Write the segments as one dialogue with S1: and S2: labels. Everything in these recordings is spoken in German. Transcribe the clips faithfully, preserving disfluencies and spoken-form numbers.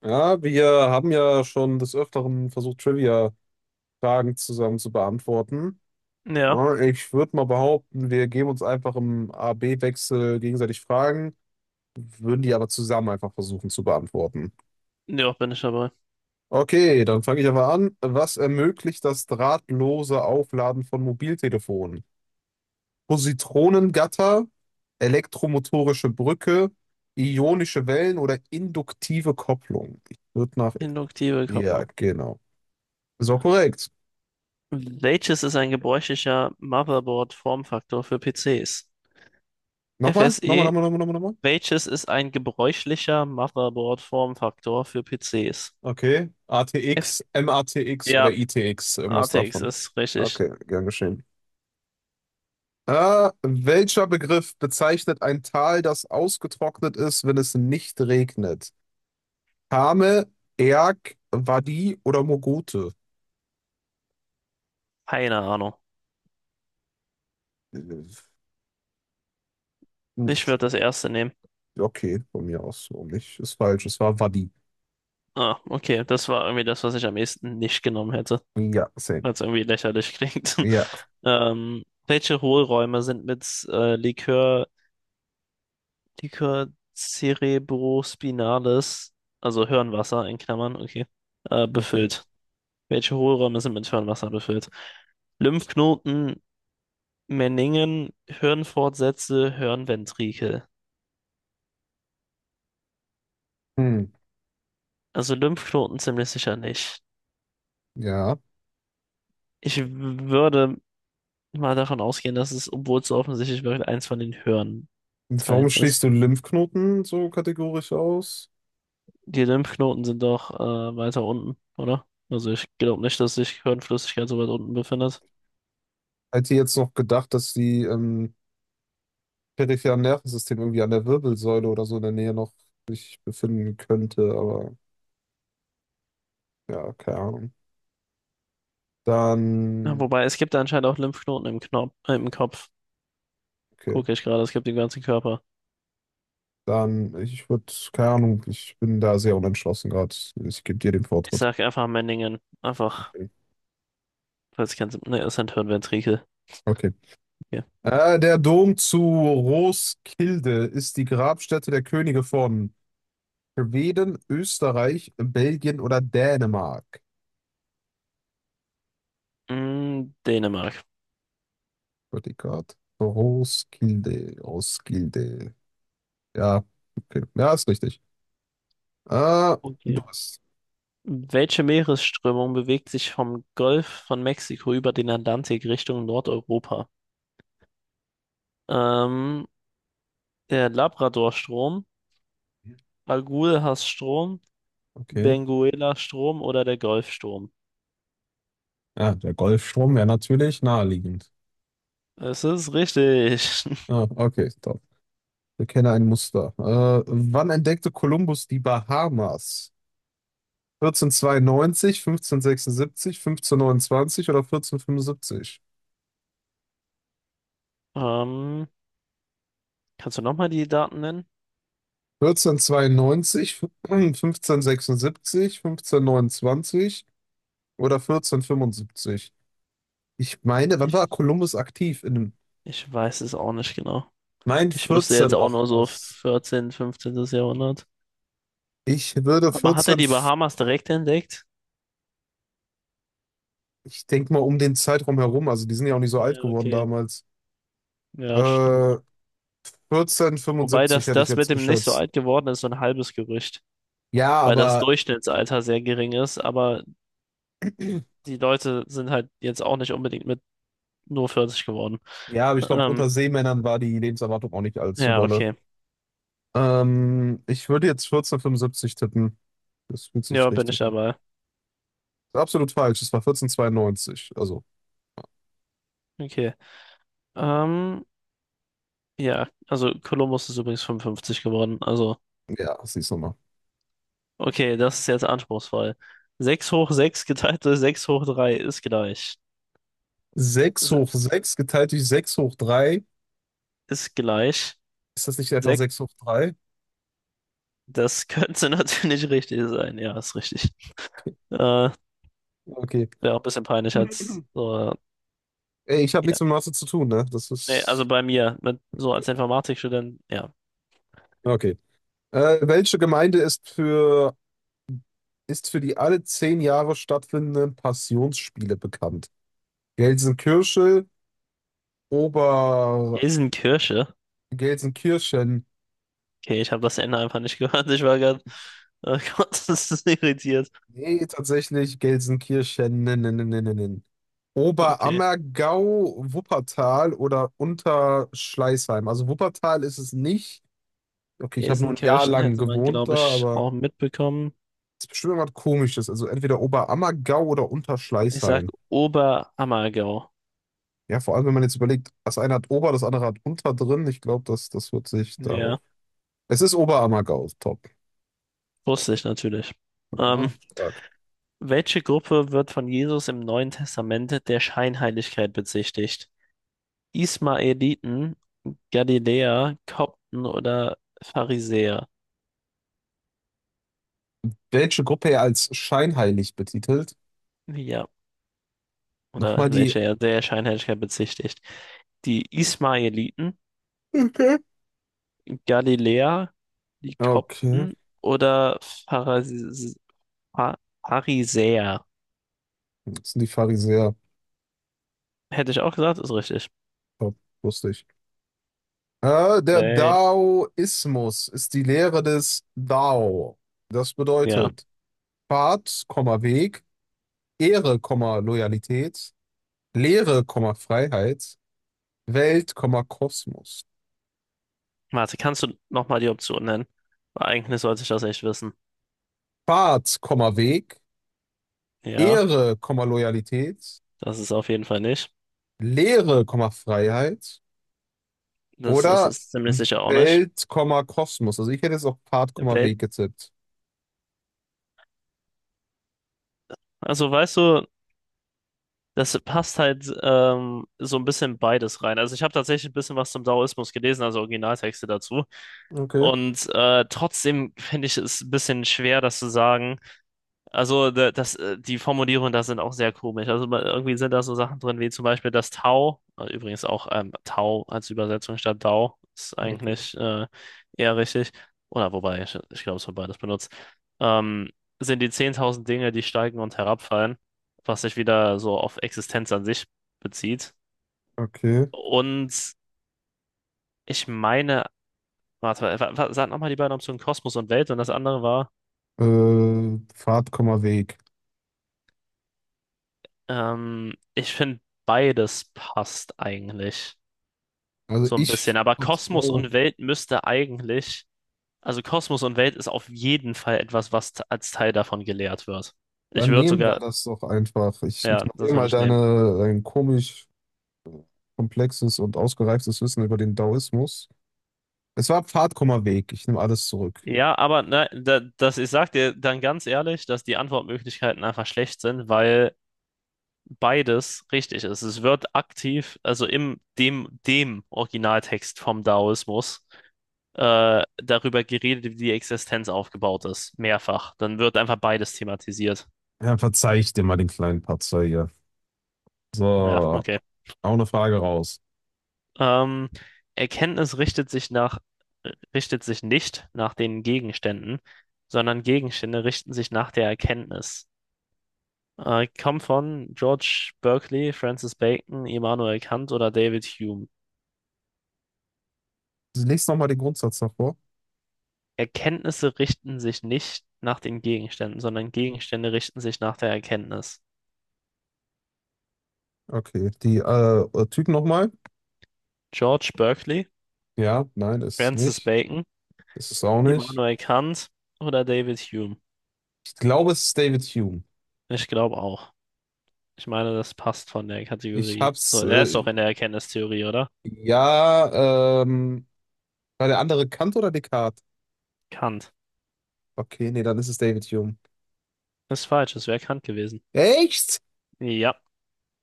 S1: Ja, wir haben ja schon des Öfteren versucht, Trivia-Fragen zusammen zu beantworten.
S2: Ja,
S1: Ja, Ich würde mal behaupten, wir geben uns einfach im A-B-Wechsel gegenseitig Fragen, würden die aber zusammen einfach versuchen zu beantworten.
S2: ja, bin ich dabei.
S1: Okay, dann fange ich einfach an. Was ermöglicht das drahtlose Aufladen von Mobiltelefonen? Positronengatter, elektromotorische Brücke, ionische Wellen oder induktive Kopplung? Ich würde nach...
S2: Induktive
S1: Ja,
S2: Kopplung.
S1: genau. So korrekt.
S2: Welches ist ein gebräuchlicher Motherboard-Formfaktor für P C s?
S1: Nochmal? Nochmal,
S2: F S E.
S1: nochmal, nochmal, nochmal, nochmal.
S2: Welches ist ein gebräuchlicher Motherboard-Formfaktor für P C s?
S1: Okay. A A T
S2: F
S1: X, M A T X oder
S2: ja,
S1: I T X, irgendwas
S2: A T X
S1: davon.
S2: ist richtig.
S1: Okay, gern geschehen. Äh, welcher Begriff bezeichnet ein Tal, das ausgetrocknet ist, wenn es nicht regnet? Kame, Erg, Wadi oder Mogote?
S2: Keine Ahnung.
S1: Äh, hm,
S2: Ich würde das erste nehmen.
S1: Okay, von mir aus so nicht. Ist falsch, es war Wadi.
S2: Ah, okay. Das war irgendwie das, was ich am ehesten nicht genommen hätte,
S1: Ja, same.
S2: weil es irgendwie lächerlich klingt.
S1: Ja,
S2: Ähm, welche Hohlräume sind mit äh, Likör Liquor cerebrospinalis, also Hirnwasser in Klammern, okay, äh,
S1: okay.
S2: befüllt. Welche Hohlräume sind mit Hirnwasser befüllt? Lymphknoten, Meningen, Hirnfortsätze, Hirnventrikel.
S1: Hm,
S2: Also Lymphknoten ziemlich sicher nicht.
S1: ja.
S2: Ich würde mal davon ausgehen, dass es, obwohl es so offensichtlich wirkt, eins von den
S1: Warum
S2: Hirnteilen
S1: schließt
S2: ist.
S1: du Lymphknoten so kategorisch aus?
S2: Die Lymphknoten sind doch äh, weiter unten, oder? Also ich glaube nicht, dass sich Hirnflüssigkeit so weit unten befindet.
S1: Hätte jetzt noch gedacht, dass die ähm, peripheren Nervensystem irgendwie an der Wirbelsäule oder so in der Nähe noch sich befinden könnte, aber ja, keine Ahnung.
S2: Ja,
S1: Dann,
S2: wobei, es gibt anscheinend auch Lymphknoten im Knopf, äh, im Kopf.
S1: okay,
S2: Gucke ich gerade, es gibt den ganzen Körper.
S1: dann, ich würde, keine Ahnung, ich bin da sehr unentschlossen gerade. Ich gebe dir den
S2: Ich
S1: Vortritt.
S2: sag einfach Memmingen. Einfach,
S1: Okay.
S2: falls kein Sinn. Ne, es sind Hirnventrikel.
S1: Okay.
S2: Okay.
S1: Äh, der Dom zu Roskilde ist die Grabstätte der Könige von Schweden, Österreich, Belgien oder Dänemark.
S2: Mm, Dänemark.
S1: Gott, Roskilde, Roskilde. Ja, okay. Ja, ist richtig. Ah, du
S2: Okay.
S1: bist.
S2: Welche Meeresströmung bewegt sich vom Golf von Mexiko über den Atlantik Richtung Nordeuropa? Ähm, Der Labradorstrom, Agulhas-Strom,
S1: Okay.
S2: Benguela-Strom oder der Golfstrom?
S1: Ja, der Golfstrom wäre natürlich naheliegend.
S2: Es ist richtig.
S1: Ah, okay, top. Wir kennen ein Muster. Äh, wann entdeckte Kolumbus die Bahamas? vierzehnhundertzweiundneunzig, fünfzehnhundertsechsundsiebzig, fünfzehnhundertneunundzwanzig oder vierzehnhundertfünfundsiebzig?
S2: Ähm, Kannst du nochmal die Daten nennen?
S1: vierzehnhundertzweiundneunzig, fünfzehnhundertsechsundsiebzig, fünfzehnhundertneunundzwanzig oder vierzehnhundertfünfundsiebzig? Ich meine, wann
S2: Ich
S1: war Kolumbus aktiv? In,
S2: Ich weiß es auch nicht genau.
S1: mein
S2: Ich wüsste
S1: vierzehn
S2: jetzt auch
S1: noch
S2: nur so
S1: was.
S2: vierzehnte., fünfzehnte. Jahrhundert.
S1: Ich würde
S2: Aber hat er
S1: vierzehn
S2: die Bahamas direkt entdeckt?
S1: Ich denke mal um den Zeitraum herum, also die sind ja auch nicht so
S2: Ja,
S1: alt geworden
S2: okay.
S1: damals.
S2: Ja, stimmt.
S1: Äh, vierzehn,
S2: Wobei das,
S1: hätte ich
S2: das
S1: jetzt
S2: mit dem nicht so
S1: geschätzt.
S2: alt geworden ist, so ein halbes Gerücht.
S1: Ja,
S2: Weil das
S1: aber
S2: Durchschnittsalter sehr gering ist, aber die Leute sind halt jetzt auch nicht unbedingt mit nur vierzig geworden.
S1: ja, aber ich glaube,
S2: Ähm,
S1: unter Seemännern war die Lebenserwartung auch nicht allzu
S2: ja,
S1: dolle.
S2: okay.
S1: Ähm, ich würde jetzt vierzehnhundertfünfundsiebzig tippen. Das fühlt sich
S2: Ja, bin ich
S1: richtig an.
S2: dabei.
S1: Ist absolut falsch. Es war vierzehnhundertzweiundneunzig. Also,
S2: Okay. Ähm, ja, also Kolumbus ist übrigens fünfundfünfzig geworden. Also.
S1: ja, siehst du mal.
S2: Okay, das ist jetzt anspruchsvoll. Sechs hoch sechs geteilt durch sechs hoch drei ist gleich.
S1: Sechs
S2: Ist
S1: hoch sechs geteilt durch sechs hoch drei.
S2: ist gleich.
S1: Ist das nicht einfach
S2: Sechs.
S1: sechs hoch drei?
S2: Das könnte natürlich richtig sein. Ja, ist richtig. Äh, wäre
S1: Okay.
S2: auch ein bisschen peinlich als
S1: Okay.
S2: so.
S1: Ey, ich habe
S2: Ja.
S1: nichts mit Mathe zu tun, ne? Das
S2: Nee, also
S1: ist.
S2: bei mir, mit, so
S1: Okay.
S2: als Informatikstudent, ja.
S1: Okay. Äh, welche Gemeinde ist für, ist für die alle zehn Jahre stattfindenden Passionsspiele bekannt? Gelsenkirchen, Ober...
S2: Gelsenkirche.
S1: Gelsenkirchen.
S2: Okay, ich habe das Ende einfach nicht gehört. Ich war gerade, oh Gott, das ist so irritiert.
S1: Nee, tatsächlich Gelsenkirchen. Nen, nen, nen, nen, nen. Nen.
S2: Okay.
S1: Oberammergau, Wuppertal oder Unterschleißheim. Also Wuppertal ist es nicht. Okay, ich habe nur ein Jahr
S2: Gelsenkirchen
S1: lang
S2: hätte man,
S1: gewohnt
S2: glaube
S1: da,
S2: ich,
S1: aber
S2: auch mitbekommen.
S1: es ist bestimmt irgendwas Komisches. Also entweder Oberammergau oder
S2: Ich sag
S1: Unterschleißheim.
S2: Oberammergau.
S1: Ja, vor allem, wenn man jetzt überlegt, das eine hat Ober, das andere hat Unter drin. Ich glaube, das, das wird sich
S2: Ja.
S1: darauf. Es ist Oberammergau, top.
S2: Wusste ich natürlich. Ähm,
S1: Ja, stark.
S2: Welche Gruppe wird von Jesus im Neuen Testament der Scheinheiligkeit bezichtigt? Ismaeliten, Galiläer, Kopten oder Pharisäer?
S1: Welche Gruppe als scheinheilig betitelt?
S2: Ja,
S1: Nochmal
S2: oder
S1: die.
S2: welche er der Scheinheiligkeit bezichtigt? Die Ismaeliten,
S1: Okay.
S2: Galiläer, die
S1: Okay.
S2: Kopten oder Pharis Pha- Pharisäer?
S1: Das sind die Pharisäer.
S2: Hätte ich auch gesagt, ist richtig.
S1: Top, wusste ich. Äh, der
S2: Nee,
S1: Daoismus ist die Lehre des Dao. Das
S2: ja.
S1: bedeutet Pfad, Komma, Weg, Ehre, Komma, Loyalität, Lehre, Komma, Freiheit, Welt, Komma, Kosmos.
S2: Warte, kannst du nochmal die Option nennen? Weil Eigentlich sollte ich das echt wissen.
S1: Fahrt, Komma, Weg,
S2: Ja,
S1: Ehre, Komma, Loyalität,
S2: das ist auf jeden Fall nicht.
S1: Lehre, Komma, Freiheit
S2: Das ist
S1: oder
S2: es ziemlich sicher auch nicht.
S1: Welt, Komma, Kosmos. Also ich hätte jetzt auch Fahrt,
S2: Im
S1: Komma,
S2: Welt.
S1: Weg getippt.
S2: Also weißt du, das passt halt ähm, so ein bisschen beides rein. Also ich habe tatsächlich ein bisschen was zum Daoismus gelesen, also Originaltexte dazu.
S1: Okay.
S2: Und äh, trotzdem finde ich es ein bisschen schwer, das zu sagen. Also da- das, äh, die Formulierungen da sind auch sehr komisch. Also ma- irgendwie sind da so Sachen drin, wie zum Beispiel das Tau, äh, übrigens auch ähm, Tau als Übersetzung statt Dau, ist
S1: Okay.
S2: eigentlich äh, eher richtig. Oder wobei, ich, ich glaube, es wird beides benutzt. Ähm, Sind die zehntausend Dinge, die steigen und herabfallen, was sich wieder so auf Existenz an sich bezieht.
S1: Okay.
S2: Und ich meine, warte, wa- wa- sag nochmal die beiden Optionen Kosmos und Welt und das andere war,
S1: Äh, Fahrt, Komma, Weg.
S2: ähm, ich finde, beides passt eigentlich.
S1: Also
S2: So ein
S1: ich.
S2: bisschen. Aber Kosmos
S1: Oh,
S2: und Welt müsste eigentlich, also Kosmos und Welt ist auf jeden Fall etwas, was t- als Teil davon gelehrt wird. Ich
S1: dann
S2: würde
S1: nehmen wir
S2: sogar,
S1: das doch einfach. Ich
S2: ja, das
S1: ignoriere
S2: würde
S1: mal
S2: ich nehmen.
S1: deine, dein komisch komplexes und ausgereiftes Wissen über den Daoismus. Es war Pfad, Komma, Weg. Ich nehme alles zurück.
S2: Ja, aber ne, da, das, ich sag dir dann ganz ehrlich, dass die Antwortmöglichkeiten einfach schlecht sind, weil beides richtig ist. Es wird aktiv, also im dem, dem Originaltext vom Daoismus, äh, darüber geredet, wie die Existenz aufgebaut ist. Mehrfach. Dann wird einfach beides thematisiert.
S1: Ja, verzeih ich dir mal den kleinen Patzer hier.
S2: Ja,
S1: So.
S2: okay.
S1: Auch eine Frage raus.
S2: Ähm, Erkenntnis richtet sich nach, äh, richtet sich nicht nach den Gegenständen, sondern Gegenstände richten sich nach der Erkenntnis. Äh, kommt von George Berkeley, Francis Bacon, Immanuel Kant oder David Hume.
S1: Lies nochmal den Grundsatz davor.
S2: Erkenntnisse richten sich nicht nach den Gegenständen, sondern Gegenstände richten sich nach der Erkenntnis.
S1: Okay. Die äh, äh, Typ nochmal?
S2: George Berkeley,
S1: Ja, nein, ist es
S2: Francis
S1: nicht.
S2: Bacon,
S1: Ist es auch nicht.
S2: Immanuel Kant oder David Hume.
S1: Ich glaube, es ist David Hume.
S2: Ich glaube auch. Ich meine, das passt von der
S1: Ich
S2: Kategorie. So,
S1: hab's.
S2: er ist doch
S1: Äh,
S2: in der Erkenntnistheorie, oder?
S1: ja, ähm. War der andere Kant oder Descartes?
S2: Kant.
S1: Okay, nee, dann ist es David Hume.
S2: Ist falsch, es wäre Kant gewesen.
S1: Echt?
S2: Ja,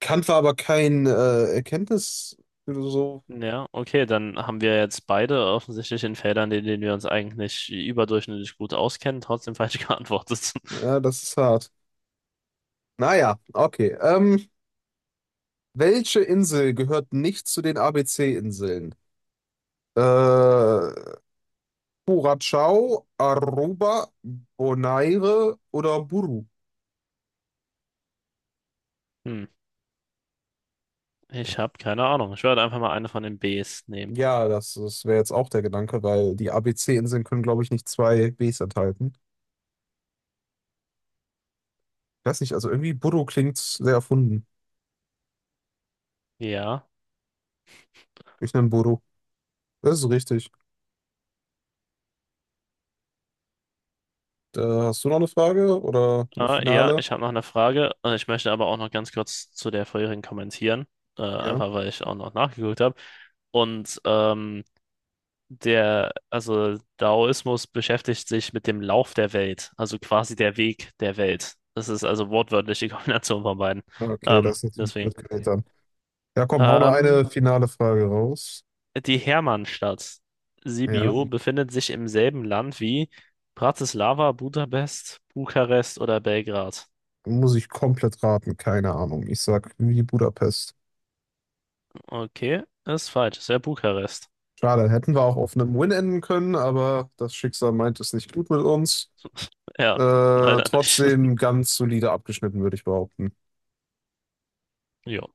S1: Kant war aber kein äh, Erkenntnisphilosoph.
S2: ja, okay, dann haben wir jetzt beide offensichtlich in Feldern, in denen wir uns eigentlich überdurchschnittlich gut auskennen, trotzdem falsch geantwortet.
S1: Ja, das ist hart. Naja, okay. Ähm, welche Insel gehört nicht zu den A B C-Inseln? Äh, Curacao, Aruba, Bonaire oder Buru.
S2: Hm, ich habe keine Ahnung. Ich werde einfach mal eine von den Bs nehmen.
S1: Ja, das, das wäre jetzt auch der Gedanke, weil die A B C-Inseln können, glaube ich, nicht zwei Bs enthalten. Ich weiß nicht, also irgendwie Buru klingt sehr erfunden.
S2: Ja,
S1: Ich nenne Buru. Das ist richtig. Äh, hast du noch eine Frage oder eine
S2: äh, ja,
S1: finale?
S2: ich habe noch eine Frage. Äh, Ich möchte aber auch noch ganz kurz zu der vorherigen kommentieren, äh,
S1: Ja.
S2: einfach weil ich auch noch nachgeguckt habe. Und ähm, der, also Daoismus beschäftigt sich mit dem Lauf der Welt, also quasi der Weg der Welt. Das ist also wortwörtlich die Kombination von beiden.
S1: Okay,
S2: Ähm,
S1: das ist natürlich
S2: deswegen.
S1: blöd gewählt dann. Ja, komm, hau noch eine
S2: Ähm,
S1: finale Frage raus.
S2: Die Hermannstadt
S1: Ja.
S2: Sibiu befindet sich im selben Land wie Bratislava, Budapest, Bukarest oder Belgrad.
S1: Muss ich komplett raten, keine Ahnung. Ich sag wie Budapest.
S2: Okay, ist falsch. Es wäre Bukarest.
S1: Schade, hätten wir auch auf einem Win enden können, aber das Schicksal meint es nicht gut mit uns.
S2: Ja,
S1: Äh,
S2: leider nicht.
S1: trotzdem ganz solide abgeschnitten, würde ich behaupten.
S2: Ja.